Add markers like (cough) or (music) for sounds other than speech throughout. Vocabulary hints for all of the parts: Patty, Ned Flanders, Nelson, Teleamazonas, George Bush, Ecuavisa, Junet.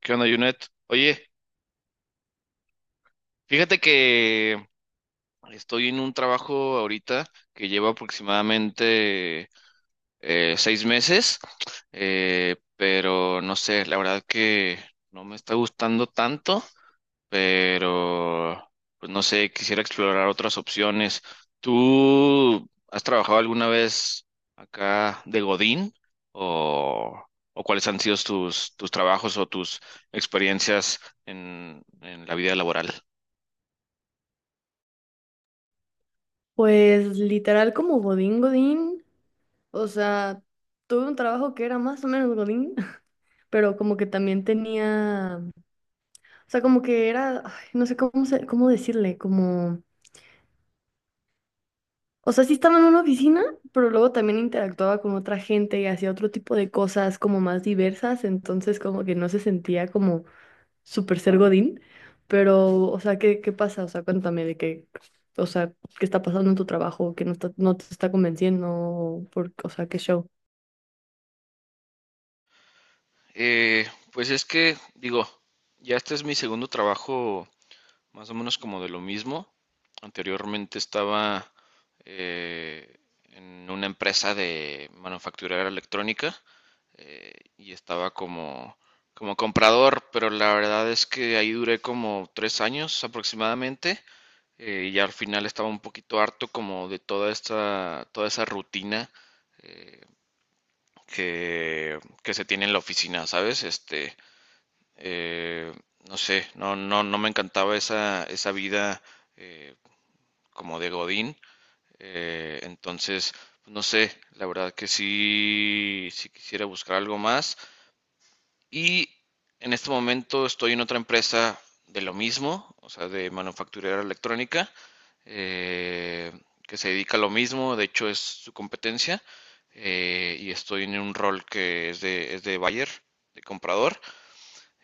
¿Qué onda, Junet? Oye, fíjate que estoy en un trabajo ahorita que lleva aproximadamente 6 meses, pero no sé, la verdad que no me está gustando tanto, pero pues no sé, quisiera explorar otras opciones. ¿Tú has trabajado alguna vez acá de Godín o, o cuáles han sido tus trabajos o tus experiencias en la vida laboral? Pues literal como Godín Godín, o sea, tuve un trabajo que era más o menos Godín, (laughs) pero como que también tenía, o sea, como que era, ay, no sé cómo, cómo decirle, como, o sea, sí estaba en una oficina, pero luego también interactuaba con otra gente y hacía otro tipo de cosas como más diversas, entonces como que no se sentía como súper ser Godín, pero, o sea, ¿qué pasa? O sea, cuéntame de qué, o sea, qué está pasando en tu trabajo, que no te está convenciendo, por, o sea, qué show. Pues es que, digo, ya este es mi segundo trabajo, más o menos como de lo mismo. Anteriormente estaba eh, en una empresa de manufacturera electrónica y estaba como comprador, pero la verdad es que ahí duré como 3 años aproximadamente, y ya al final estaba un poquito harto como de toda esta, toda esa rutina eh, que, que se tiene en la oficina, ¿sabes? Este, eh, no sé, no, no, no me encantaba esa vida, eh, como de Godín. Entonces, no sé, la verdad que sí, sí quisiera buscar algo más. Y en este momento estoy en otra empresa de lo mismo, o sea, de manufacturera electrónica, eh, que se dedica a lo mismo, de hecho es su competencia, y estoy en un rol que es de buyer, de comprador.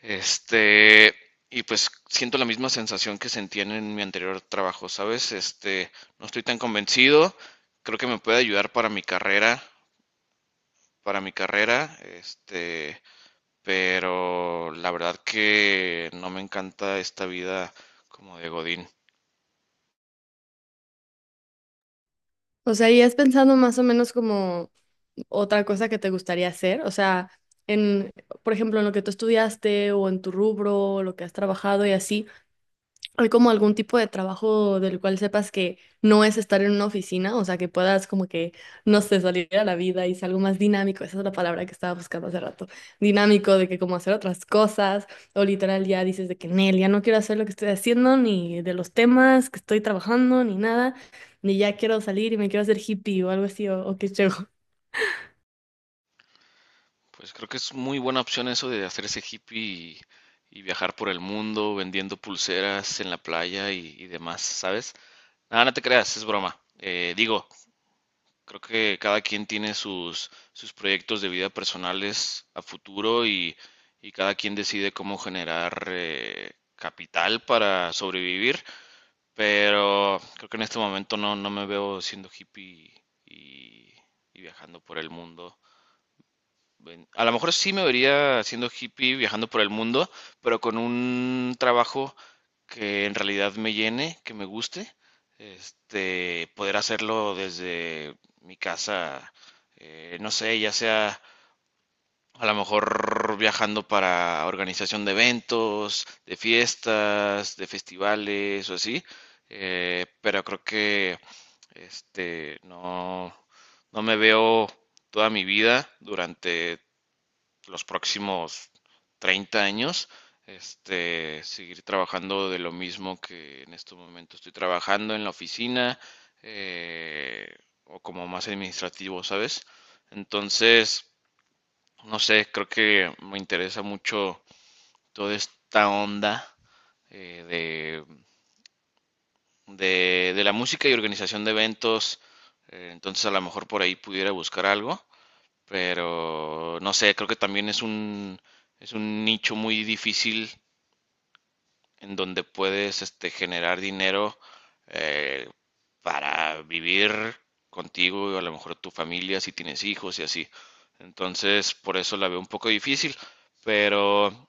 Este, y pues siento la misma sensación que sentí en mi anterior trabajo, ¿sabes? Este, no estoy tan convencido, creo que me puede ayudar para mi carrera, este, pero la verdad que no me encanta esta vida como de Godín. O sea, ¿y has pensado más o menos como otra cosa que te gustaría hacer? O sea, en, por ejemplo, en lo que tú estudiaste o en tu rubro, lo que has trabajado y así, ¿hay como algún tipo de trabajo del cual sepas que no es estar en una oficina? O sea, que puedas como que, no sé, salir a la vida y ser algo más dinámico. Esa es la palabra que estaba buscando hace rato. Dinámico, de que como hacer otras cosas. O literal ya dices de que, Nel, ya no quiero hacer lo que estoy haciendo, ni de los temas que estoy trabajando, ni nada. Ni ya quiero salir y me quiero hacer hippie o algo así, o qué chévere. (laughs) Pues creo que es muy buena opción eso de hacerse hippie y viajar por el mundo vendiendo pulseras en la playa y demás, ¿sabes? Nada, no te creas, es broma. Digo, creo que cada quien tiene sus proyectos de vida personales a futuro y cada quien decide cómo generar capital para sobrevivir, pero creo que en este momento no, no me veo siendo hippie y, y viajando por el mundo. Ven, a lo mejor sí me vería siendo hippie, viajando por el mundo, pero con un trabajo que en realidad me llene, que me guste, este, poder hacerlo desde mi casa, no sé, ya sea a lo mejor viajando para organización de eventos, de fiestas, de festivales o así, pero creo que este, no, no me veo toda mi vida durante los próximos 30 años, este, seguir trabajando de lo mismo que en este momento estoy trabajando en la oficina, eh, o como más administrativo, ¿sabes? Entonces, no sé, creo que me interesa mucho toda esta onda eh, de, de la música y organización de eventos, entonces a lo mejor por ahí pudiera buscar algo. Pero no sé, creo que también es un nicho muy difícil en donde puedes este, generar dinero, eh, para vivir contigo y a lo mejor tu familia si tienes hijos y así. Entonces, por eso la veo un poco difícil, pero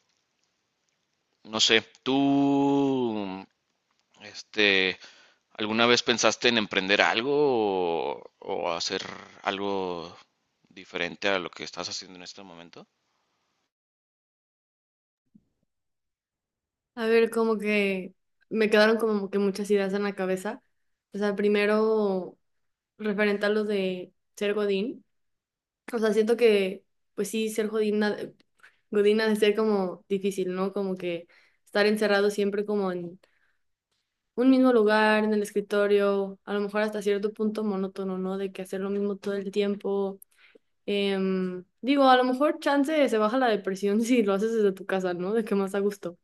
no sé, tú, este, ¿alguna vez pensaste en emprender algo o hacer algo diferente a lo que estás haciendo en este momento? A ver, como que me quedaron como que muchas ideas en la cabeza. O sea, primero, referente a lo de ser Godín. O sea, siento que, pues sí, ser jodina, godina de ser como difícil, ¿no? Como que estar encerrado siempre como en un mismo lugar, en el escritorio, a lo mejor hasta cierto punto monótono, ¿no? De que hacer lo mismo todo el tiempo. Digo, a lo mejor chance se baja la depresión (laughs) si lo haces desde tu casa, ¿no? De que más a gusto.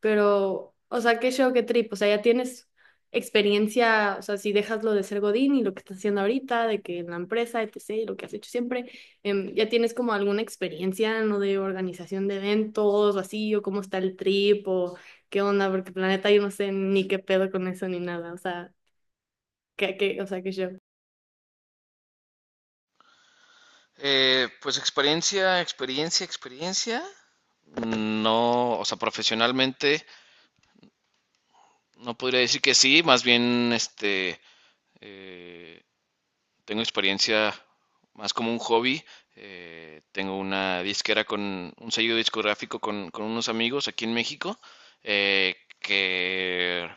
Pero, o sea, qué show, qué trip. O sea, ya tienes experiencia, o sea, si dejas lo de ser Godín y lo que estás haciendo ahorita, de que en la empresa, etcétera, y lo que has hecho siempre, ya tienes como alguna experiencia no de organización de eventos o así, o cómo está el trip, o qué onda, porque planeta yo no sé ni qué pedo con eso ni nada. O sea, o sea, qué show. Pues experiencia, experiencia, experiencia. No, o sea, profesionalmente no podría decir que sí, más bien este eh, tengo experiencia más como un hobby. Tengo una disquera con un sello discográfico con unos amigos aquí en México, que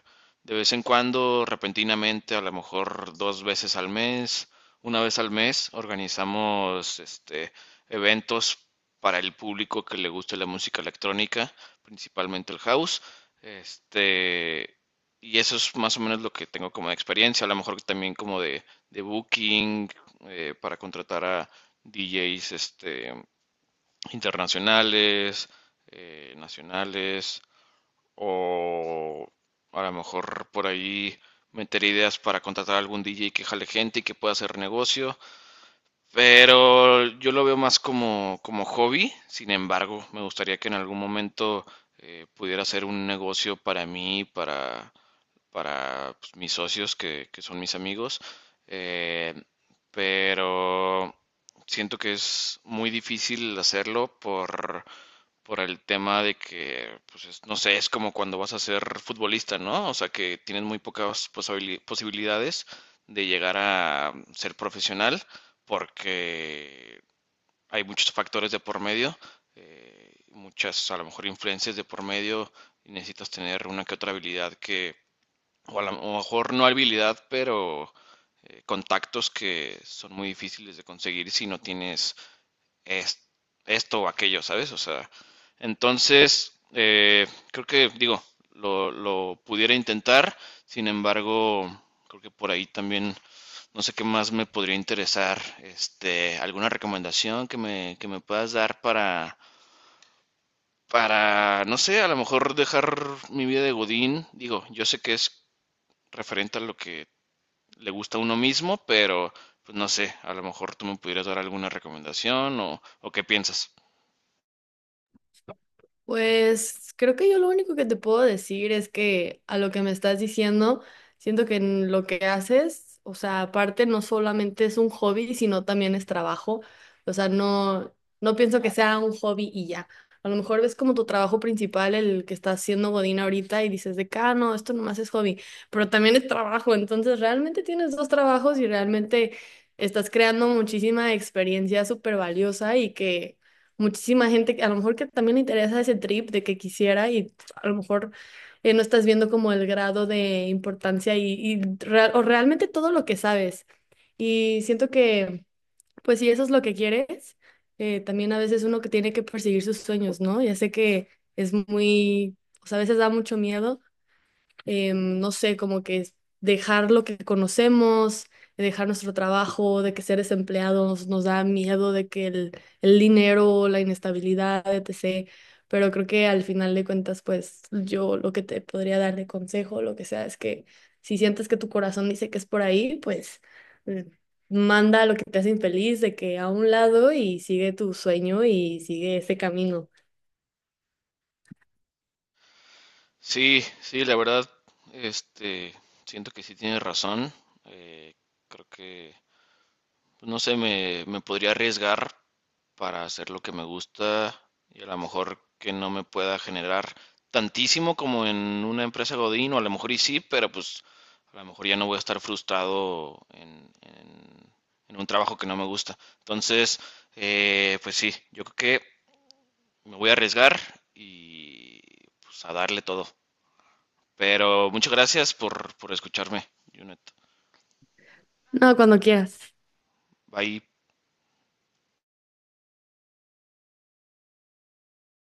de vez en cuando, repentinamente, a lo mejor dos veces al mes, una vez al mes, organizamos este, eventos para el público que le guste la música electrónica, principalmente el house. Este, y eso es más o menos lo que tengo como de experiencia, a lo mejor también como de booking, para contratar a DJs, este, internacionales, nacionales, o a lo mejor por ahí meter ideas para contratar a algún DJ que jale gente y que pueda hacer negocio, pero yo lo veo más como hobby, sin embargo, me gustaría que en algún momento pudiera ser un negocio para mí, para pues, mis socios que son mis amigos, eh, pero siento que es muy difícil hacerlo por el tema de que, pues, no sé, es como cuando vas a ser futbolista, ¿no? O sea, que tienes muy pocas posibilidades de llegar a, ser profesional porque hay muchos factores de por medio, muchas a lo mejor influencias de por medio y necesitas tener una que otra habilidad que, o a lo mejor no habilidad, pero contactos que son muy difíciles de conseguir si no tienes es- esto o aquello, ¿sabes? O sea, entonces, creo que, digo, lo pudiera intentar, sin embargo, creo que por ahí también, no sé qué más me podría interesar, este, alguna recomendación que me puedas dar para... Para, no sé, a lo mejor dejar mi vida de Godín, digo, yo sé que es referente a lo que le gusta a uno mismo, pero pues no sé, a lo mejor tú me pudieras dar alguna recomendación o qué piensas. Pues creo que yo lo único que te puedo decir es que a lo que me estás diciendo, siento que en lo que haces, o sea, aparte no solamente es un hobby, sino también es trabajo. O sea, no, no pienso que sea un hobby y ya. A lo mejor ves como tu trabajo principal el que estás haciendo Godín ahorita y dices de que, ah, no, esto nomás es hobby, pero también es trabajo. Entonces realmente tienes dos trabajos y realmente estás creando muchísima experiencia súper valiosa y que muchísima gente que a lo mejor que también le interesa ese trip de que quisiera y a lo mejor no estás viendo como el grado de importancia y o realmente todo lo que sabes. Y siento que, pues si eso es lo que quieres, también a veces uno que tiene que perseguir sus sueños, ¿no? Ya sé que es muy, o sea, a veces da mucho miedo, no sé, como que dejar lo que conocemos, dejar nuestro trabajo, de que ser desempleados nos da miedo, de que el dinero, la inestabilidad, etc. Pero creo que al final de cuentas, pues yo lo que te podría dar de consejo, lo que sea, es que si sientes que tu corazón dice que es por ahí, pues eh, manda lo que te hace infeliz de que a un lado y sigue tu sueño y sigue ese camino. Sí, sí, la verdad, este, siento que sí tienes razón. eh, creo que pues, no sé, me podría arriesgar para hacer lo que me gusta y a lo mejor que no me pueda generar tantísimo como en una empresa Godín, o a lo mejor y sí, pero pues a lo mejor ya no voy a estar frustrado en un trabajo que no me gusta. Entonces, pues sí, yo creo que me voy a arriesgar y pues a darle todo. Pero muchas gracias por escucharme, Junet. No, cuando quieras. Bye.